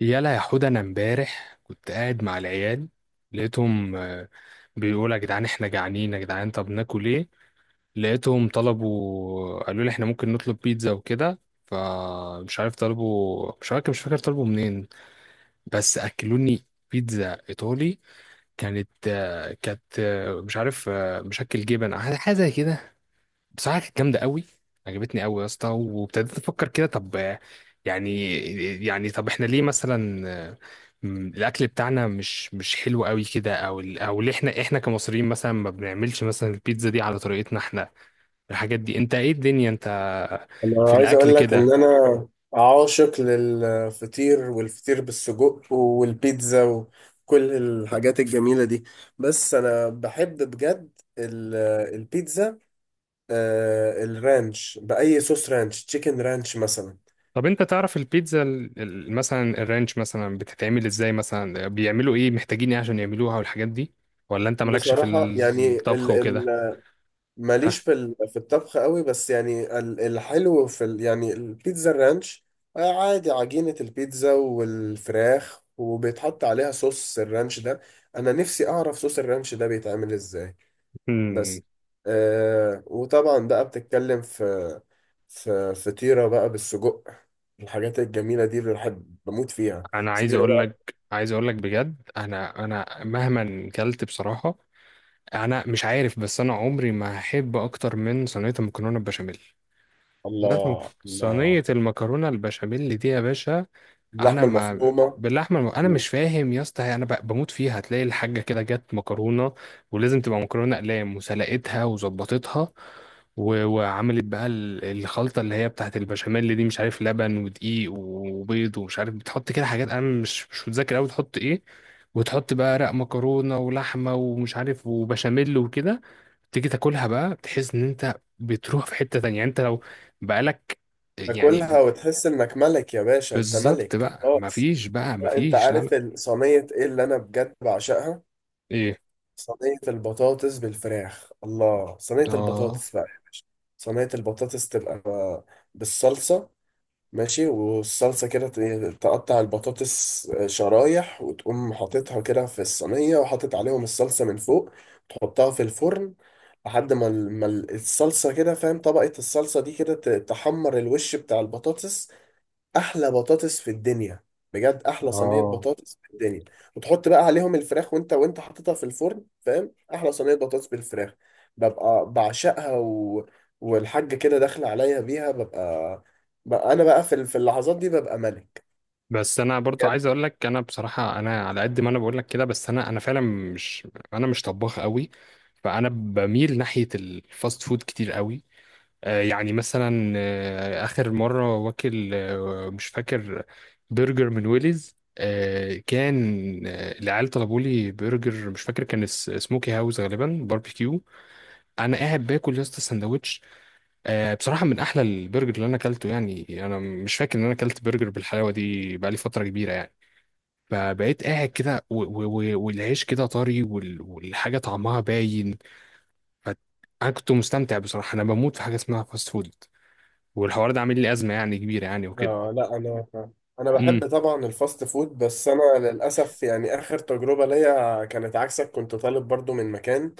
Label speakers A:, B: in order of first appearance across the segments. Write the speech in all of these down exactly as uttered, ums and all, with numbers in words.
A: يلا يا حود، انا امبارح كنت قاعد مع العيال. لقيتهم آه، بيقولوا يا جدعان احنا جعانين، يا جدعان طب ناكل ايه؟ لقيتهم طلبوا، قالوا لي احنا ممكن نطلب بيتزا وكده. فمش عارف طلبوا، مش عارف، مش فاكر طلبوا منين، بس اكلوني بيتزا ايطالي. كانت آه، كانت آه، مش عارف، آه، مشكل جبن، حاجه حاجة زي كده. بصراحة كانت جامدة قوي، عجبتني قوي يا اسطى. وابتديت افكر كده، طب، آه، يعني، يعني طب احنا ليه مثلا آه، م- الاكل بتاعنا مش مش حلو قوي كده؟ او ال- او ليه احنا احنا كمصريين مثلا ما بنعملش مثلا البيتزا دي على طريقتنا احنا؟ الحاجات دي، انت ايه الدنيا انت في
B: انا عايز
A: الاكل
B: اقول لك
A: كده؟
B: ان انا عاشق للفطير والفطير بالسجق والبيتزا وكل الحاجات الجميلة دي. بس انا بحب بجد ال- البيتزا آه، الرانش، بأي صوص رانش، تشيكن رانش مثلا.
A: طب انت تعرف البيتزا ال- ال- مثلا الرانش مثلا بتتعمل ازاي؟ مثلا بيعملوا ايه؟ محتاجين ايه عشان يعملوها والحاجات دي؟ ولا انت مالكش في
B: بصراحة يعني
A: الطبخ وكده؟
B: ماليش في ال- في الطبخ قوي، بس يعني ال- الحلو في ال- يعني البيتزا الرانش. آه، عادي، عجينة البيتزا والفراخ وبيتحط عليها صوص الرانش ده. انا نفسي اعرف صوص الرانش ده بيتعمل ازاي. بس آه وطبعا بقى بتتكلم في في فطيرة بقى بالسجق، الحاجات الجميلة دي اللي بحب بموت فيها،
A: انا عايز
B: سجيرة
A: اقول لك،
B: بقى.
A: عايز اقول لك بجد انا، انا مهما كلت بصراحه، انا مش عارف، بس انا عمري ما هحب اكتر من صينيه المكرونه البشاميل. صينيه المك-
B: الله الله،
A: صينية المكرونه البشاميل دي يا باشا، انا
B: اللحمة
A: ما
B: المفرومة.
A: باللحمه الم... انا مش فاهم يا اسطى، انا ب... بموت فيها. هتلاقي الحاجه كده جت مكرونه، ولازم تبقى مكرونه اقلام، وسلقتها وظبطتها، و... وعملت بقى ال- الخلطه اللي هي بتاعت البشاميل اللي دي، مش عارف، لبن ودقيق وبيض ومش عارف، بتحط كده حاجات، انا مش مش متذكر قوي تحط ايه. وتحط بقى رق مكرونه ولحمه ومش عارف وبشاميل وكده. تيجي تاكلها بقى، تحس ان انت بتروح في حته تانية، يعني انت لو بقالك، يعني،
B: تاكلها وتحس انك ملك يا باشا، انت
A: بالظبط.
B: ملك
A: بقى
B: خلاص.
A: مفيش، بقى
B: لا، انت
A: مفيش، لا
B: عارف
A: لا.
B: ال- صينية ايه اللي انا بجد بعشقها؟
A: ايه؟
B: صينية البطاطس بالفراخ، الله، صينية
A: اه،
B: البطاطس بقى يا باشا. صينية البطاطس تبقى بالصلصة، ماشي، والصلصة كده ت- تقطع البطاطس آه، شرايح، وتقوم حاططها كده في الصينية، وحاطط عليهم الصلصة من فوق، تحطها في الفرن لحد ما ال- ما ال- الصلصة كده، فاهم، طبقة الصلصة دي كده ت- تحمر الوش بتاع البطاطس. احلى بطاطس في الدنيا، بجد احلى صينيه
A: اه.
B: بطاطس في الدنيا. وتحط بقى عليهم الفراخ، وانت وانت حاططها في الفرن، فاهم، احلى صينيه بطاطس بالفراخ. ببقى بعشقها، و... والحاجه كده داخله عليا بيها. ببقى, ببقى انا بقى في ال- في اللحظات دي ببقى ملك.
A: بس انا برضو
B: بجد.
A: عايز اقول لك، انا بصراحه، انا على قد ما انا بقول لك كده، بس انا انا فعلا مش، انا مش طباخ قوي. فانا بميل ناحيه الفاست فود كتير قوي. آه يعني مثلا آه اخر مره واكل آه مش فاكر، برجر من ويليز. آه كان، آه العيال طلبوا لي برجر، مش فاكر كان اس- سموكي هاوس غالبا، باربيكيو. انا قاعد باكل يا اسطى السندوتش، آه، بصراحة من أحلى البرجر اللي أنا أكلته. يعني أنا مش فاكر إن أنا أكلت برجر بالحلاوة دي بقالي فترة كبيرة يعني. فبقيت قاعد كده و- و- و- والعيش كده طري، وال- والحاجة طعمها باين. ف- أنا كنت مستمتع بصراحة، أنا بموت في حاجة اسمها فاست فود، والحوار ده عامل لي أزمة يعني كبيرة يعني وكده.
B: آه لا، انا انا
A: امم.
B: بحب طبعا الفاست فود، بس انا للاسف يعني اخر تجربه ليا كانت عكسك. كنت طالب برضو من مكان،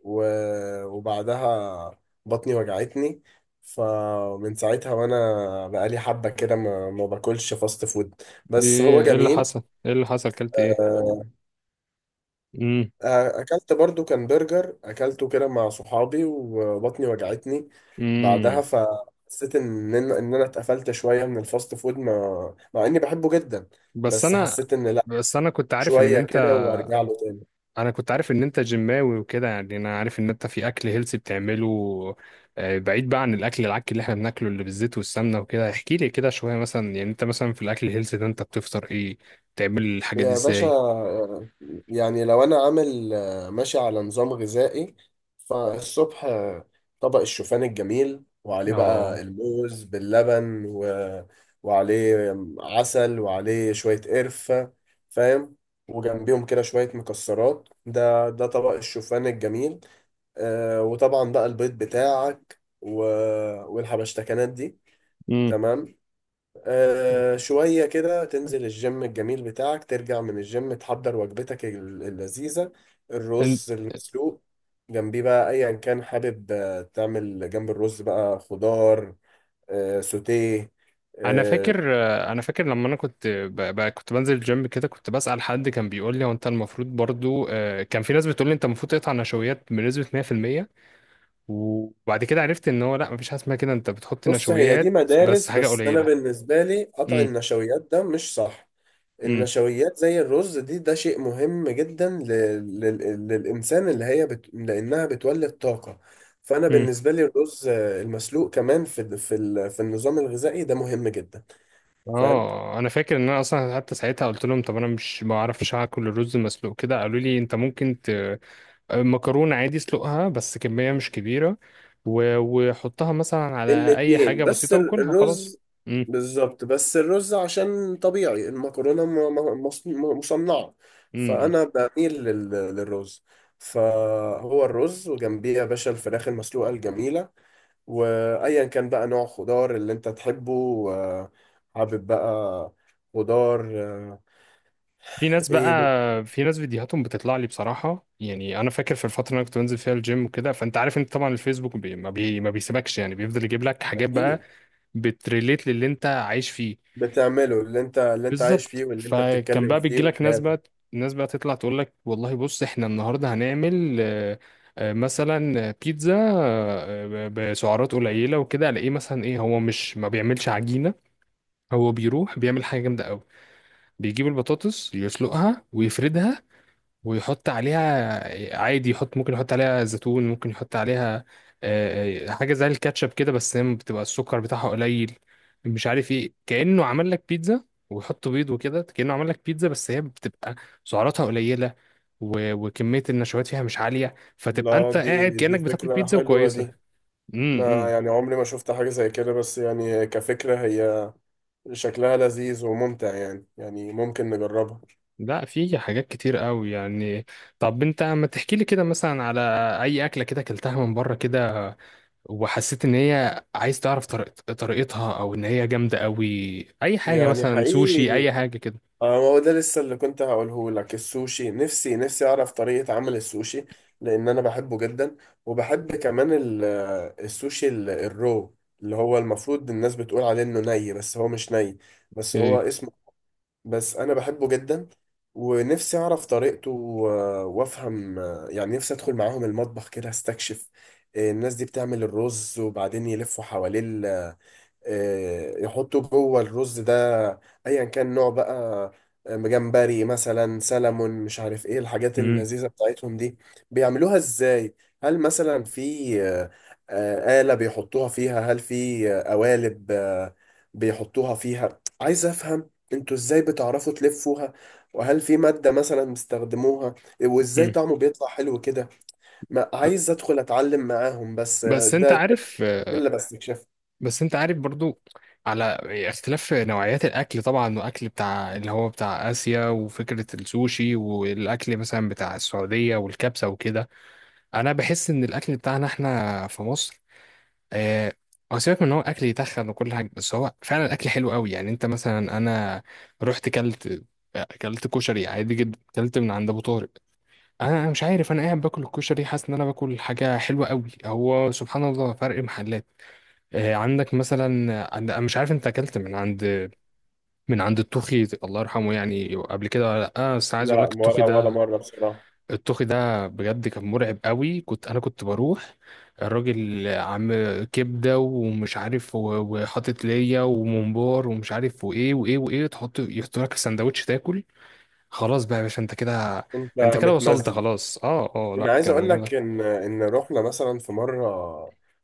B: و- وبعدها بطني وجعتني، فمن ساعتها وانا بقالي حبة كده ما, ما باكلش فاست فود،
A: دي
B: بس هو
A: إيه إيه اللي
B: جميل.
A: حصل؟ إيه اللي حصل؟ أكلت إيه؟ امم.
B: آه، اكلت برضو، كان برجر اكلته كده مع صحابي، وبطني وجعتني بعدها.
A: امم.
B: فحسيت ان ان إن انا اتقفلت شوية من الفاست فود، ما مع اني بحبه جدا.
A: بس
B: بس
A: أنا،
B: حسيت ان لا،
A: بس أنا كنت عارف إن
B: شوية
A: أنت،
B: كده وارجع له تاني.
A: انا كنت عارف ان انت جيماوي وكده، يعني انا عارف ان انت في اكل هيلثي بتعمله. آه، بعيد بقى عن الاكل العك اللي احنا بناكله، اللي بالزيت والسمنه وكده، احكي لي كده شويه مثلا. يعني انت مثلا في الاكل الهيلثي ده انت بتفطر ايه؟ بتعمل الحاجه دي
B: يا باشا،
A: ازاي؟
B: آه، يعني لو انا عامل آه، ماشي على نظام غذائي، فالصبح آه، طبق الشوفان الجميل، وعليه
A: اه.
B: بقى الموز باللبن و... وعليه عسل، وعليه شوية قرفة، فاهم، وجنبيهم كده شوية مكسرات. ده ده طبق الشوفان الجميل. آه، وطبعا بقى البيض بتاعك و... والحبشتكنات دي،
A: امم.
B: تمام. آه شوية كده تنزل الجيم الجميل بتاعك، ترجع من الجيم تحضر وجبتك ال- اللذيذة،
A: إن-
B: الرز المسلوق، جنبيه بقى أيا كان حابب، آه، تعمل جنب الرز بقى خضار آه سوتيه.
A: انا
B: آه
A: فاكر، آه، انا فاكر لما انا كنت ب... ب... كنت بنزل الجيم كده، كنت بسأل حد، كان بيقول لي، هو انت المفروض برضو، آه، كان في ناس بتقول لي انت المفروض تقطع نشويات بنسبه مئة في المئة. وبعد كده عرفت ان هو لا، مفيش حاجه اسمها كده، انت بتحط
B: بص، هي دي
A: نشويات بس
B: مدارس،
A: حاجه
B: بس أنا
A: قليله.
B: بالنسبة لي قطع
A: امم.
B: النشويات ده مش صح.
A: امم.
B: النشويات زي الرز دي، ده شيء مهم جدا ل... لل... للإنسان، اللي هي بت... لأنها بتولد طاقة. فأنا
A: امم.
B: بالنسبة لي الرز آه، المسلوق كمان في ال- في ال... في النظام الغذائي ده مهم جدا. فاهم،
A: اه. انا فاكر ان انا اصلا حتى ساعتها قلت لهم، طب انا مش، ما اعرفش اكل الرز مسلوق كده، قالوا لي انت ممكن ت... آه، مكرونه عادي اسلقها بس كميه مش كبيره، و... وحطها مثلا على اي
B: الاتنين.
A: حاجه
B: بس
A: بسيطه
B: ال-
A: وكلها وخلاص.
B: الرز
A: امم.
B: بالظبط، بس الرز عشان طبيعي، المكرونة م... م... مص- م- مصنعة،
A: امم.
B: فأنا بميل لل... للرز. فهو الرز، وجنبيه يا باشا الفراخ المسلوقة الجميلة، وايا كان بقى نوع خضار اللي انت تحبه. آه، حابب بقى خضار آه،
A: في ناس بقى
B: ايه ممكن-
A: في ناس فيديوهاتهم بتطلع لي بصراحة، يعني أنا فاكر في الفترة اللي أنا كنت بنزل فيها الجيم وكده، فأنت عارف، أنت طبعا الفيسبوك، بي ما, بي ما بيسيبكش، يعني بيفضل يجيب لك حاجات بقى
B: اكيد.
A: بتريليت للي أنت عايش فيه.
B: بتعمله اللي انت اللي انت عايش
A: بالظبط.
B: فيه واللي انت
A: فكان
B: بتتكلم
A: بقى
B: فيه
A: بيجي لك ناس
B: وحياتك.
A: بقى ناس بقى تطلع تقول لك، والله بص إحنا النهاردة هنعمل، آه، آه، مثلا بيتزا، آه، ب- بسعرات قليلة وكده. ألاقيه مثلا، إيه، هو مش ما بيعملش عجينة، هو بيروح بيعمل حاجة جامدة أوي، بيجيب البطاطس يسلقها ويفردها، ويحط عليها عادي، يحط، ممكن يحط عليها زيتون، ممكن يحط عليها آه، آه، حاجة زي الكاتشب كده، بس هي بتبقى السكر بتاعها قليل، مش عارف ايه، كأنه عمل لك بيتزا. ويحط بيض وكده، كأنه عمل لك بيتزا، بس هي بتبقى سعراتها قليلة، و- وكمية النشويات فيها مش عالية، فتبقى
B: لا،
A: انت قاعد
B: دي دي
A: كأنك بتاكل
B: فكرة
A: بيتزا
B: حلوة
A: وكويسة.
B: دي،
A: امم.
B: ما
A: امم.
B: يعني عمري ما شفت حاجة زي كده، بس يعني كفكرة هي شكلها لذيذ وممتع، يعني يعني ممكن نجربها.
A: لا، في حاجات كتير قوي يعني. طب انت ما تحكي لي كده مثلا على اي اكلة كده اكلتها من بره كده، وحسيت ان هي، عايز تعرف طريقت- طريقتها، او ان هي جامده قوي. اي حاجه،
B: يعني
A: مثلا سوشي،
B: حقيقي،
A: اي حاجه كده.
B: اه ما هو ده لسه اللي كنت هقوله لك، السوشي، نفسي نفسي اعرف طريقة عمل السوشي، لان انا بحبه جدا. وبحب كمان ال- آه، السوشي ال- الرو، اللي هو المفروض الناس بتقول عليه انه ني بس هو مش ني، بس هو
A: اوكي.
B: اسمه. بس انا بحبه جدا، ونفسي اعرف طريقته و- وافهم، آه، يعني نفسي ادخل معاهم المطبخ كده استكشف. آه، الناس دي بتعمل الرز وبعدين يلفوا حواليه، آه، يحطوا جوه الرز ده ايا كان نوع بقى، آه، جمبري مثلا، سلمون، مش عارف ايه الحاجات
A: مم.
B: اللذيذة بتاعتهم دي، بيعملوها ازاي؟ هل مثلا في آه، آه، آلة بيحطوها فيها؟ هل في آه، قوالب آه، بيحطوها فيها؟ عايز افهم انتوا ازاي بتعرفوا تلفوها، وهل في مادة مثلا بيستخدموها، وازاي
A: مم.
B: طعمه بيطلع حلو كده. ما
A: ب-
B: عايز ادخل اتعلم معاهم، بس آه،
A: بس انت
B: ده ده
A: عارف،
B: اللي بستكشفه.
A: بس انت عارف برضو، على اختلاف نوعيات الاكل طبعا، واكل بتاع اللي هو بتاع اسيا وفكره السوشي، والاكل مثلا بتاع السعوديه والكبسه وكده، انا بحس ان الاكل بتاعنا احنا في مصر، آه، هو سيبك من ان هو اكل يتخن وكل حاجه، بس هو فعلا الاكل حلو قوي. يعني انت مثلا، انا رحت كلت، كلت كشري عادي جدا، كلت من عند ابو طارق، انا، أنا مش عارف، انا قاعد باكل الكشري حاسس ان انا باكل حاجه حلوه قوي. هو سبحان الله فرق محلات. آه، عندك مثلا عند، أنا مش عارف انت اكلت من عند من عند التوخي الله يرحمه يعني قبل كده ولا لا؟ آه، بس عايز اقول
B: لا،
A: لك التوخي
B: ولا ولا
A: ده،
B: مرة بصراحة.
A: الطوخي ده بجد كان مرعب قوي. كنت انا كنت بروح، الراجل عم كبده ومش عارف، و- وحاطط ليا وممبار ومش عارف وايه وايه وايه، تحط يحط لك السندوتش تاكل. خلاص بقى يا باشا، انت كده
B: انت
A: انت كده وصلت،
B: متمزج.
A: خلاص. اه. اه. لا
B: انا عايز
A: كان
B: اقول
A: جامد.
B: لك ان ان رحنا مثلا في مره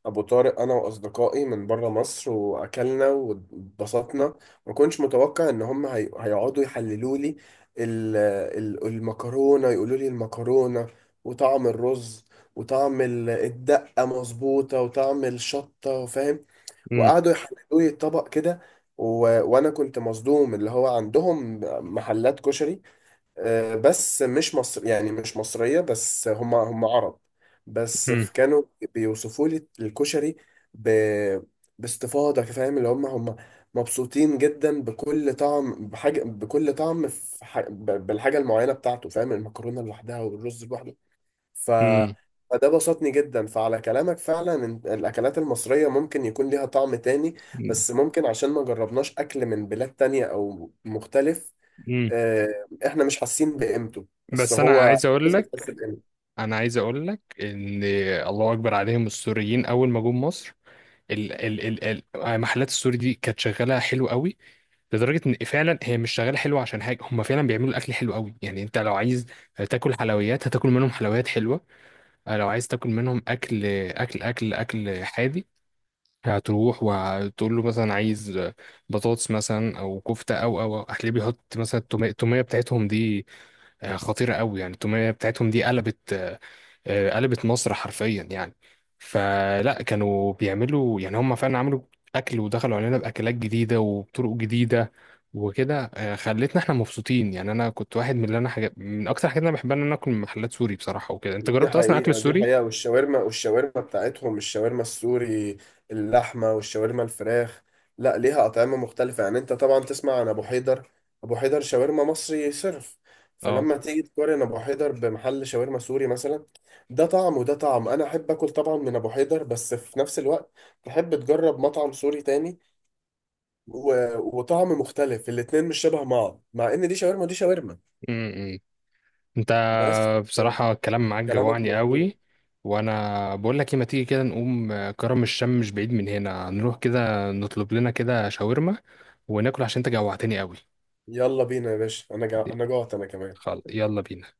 B: ابو طارق، انا واصدقائي من بره مصر، واكلنا واتبسطنا. ما كنتش متوقع ان هم هي... هيقعدوا يحللوا لي ال... ال... المكرونه، يقولوا لي المكرونه وطعم الرز وطعم ال- الدقه مظبوطه وطعم الشطه، فاهم،
A: أمم.
B: وقعدوا يحللوا لي الطبق كده. و... وانا كنت مصدوم اللي هو عندهم محلات كشري، آه، بس مش مصر، يعني مش مصرية، بس هم هم عرب. بس
A: أمم.
B: ف- كانوا بيوصفوا لي الكشري ب... باستفاضة، فاهم، اللي هم هم مبسوطين جدا بكل طعم، بحاجة، بكل طعم في ح... ب- بالحاجة المعينة بتاعته، فاهم، المكرونة لوحدها والرز لوحده. ف...
A: أمم.
B: فده بسطني جدا، فعلى كلامك فعلا، إن الأكلات المصرية ممكن يكون ليها طعم تاني، بس ممكن عشان ما جربناش أكل من بلاد تانية أو مختلف
A: أمم.
B: آه، احنا مش حاسين بقيمته، بس
A: بس انا
B: هو
A: عايز اقول
B: الناس بتحس
A: لك،
B: بقيمته.
A: انا عايز اقول لك ان، الله اكبر عليهم السوريين اول ما جم مصر، ال ال ال ال- محلات السوري دي كانت شغاله حلو قوي، لدرجه ان، فعلا هي مش شغاله حلوه عشان حاجه، هم فعلا بيعملوا الاكل حلو قوي. يعني انت لو عايز تاكل حلويات هتاكل منهم حلويات حلوه، آه، لو عايز تاكل منهم اكل، اكل اكل اكل حادي، هتروح وتقول له مثلا عايز بطاطس مثلا او كفته، او او أو. هتلاقيه بيحط مثلا التوميه التومية بتاعتهم دي، آه، خطيرة قوي، يعني التومية بتاعتهم دي قلبت، آه، آه، قلبت مصر حرفيا يعني. فلا، كانوا بيعملوا، يعني هم فعلا عملوا أكل، ودخلوا علينا بأكلات جديدة وبطرق جديدة وكده، آه، خلتنا احنا مبسوطين يعني. انا كنت واحد من اللي انا، حاجة من اكتر حاجات انا بحبها ان انا اكل من محلات سوري بصراحة وكده. انت
B: دي
A: جربت اصلا اكل
B: حقيقة، دي
A: السوري؟
B: حقيقة، والشاورما والشاورما بتاعتهم، الشاورما السوري، اللحمة والشاورما الفراخ، لا ليها أطعمة مختلفة. يعني انت طبعا تسمع عن أبو حيدر، أبو حيدر شاورما مصري صرف،
A: اه.
B: فلما تيجي تقارن أبو حيدر بمحل شاورما سوري مثلا، ده طعم وده طعم. أنا أحب أكل طبعا من أبو حيدر، بس في نفس الوقت تحب تجرب مطعم سوري تاني و... وطعم مختلف، الاتنين مش شبه بعض، مع إن دي شاورما ودي شاورما.
A: م- م. انت
B: بس
A: بصراحة الكلام معاك
B: كلامك
A: جوعني
B: مظبوط،
A: قوي، وانا بقول لك ايه، ما تيجي كده نقوم، آه، كرم الشام مش بعيد من هنا، نروح كده نطلب لنا كده شاورما وناكل، عشان انت جوعتني قوي.
B: يلا بينا يا باشا، انا جا... انا جوعت، انا كمان.
A: خلاص، يلا بينا.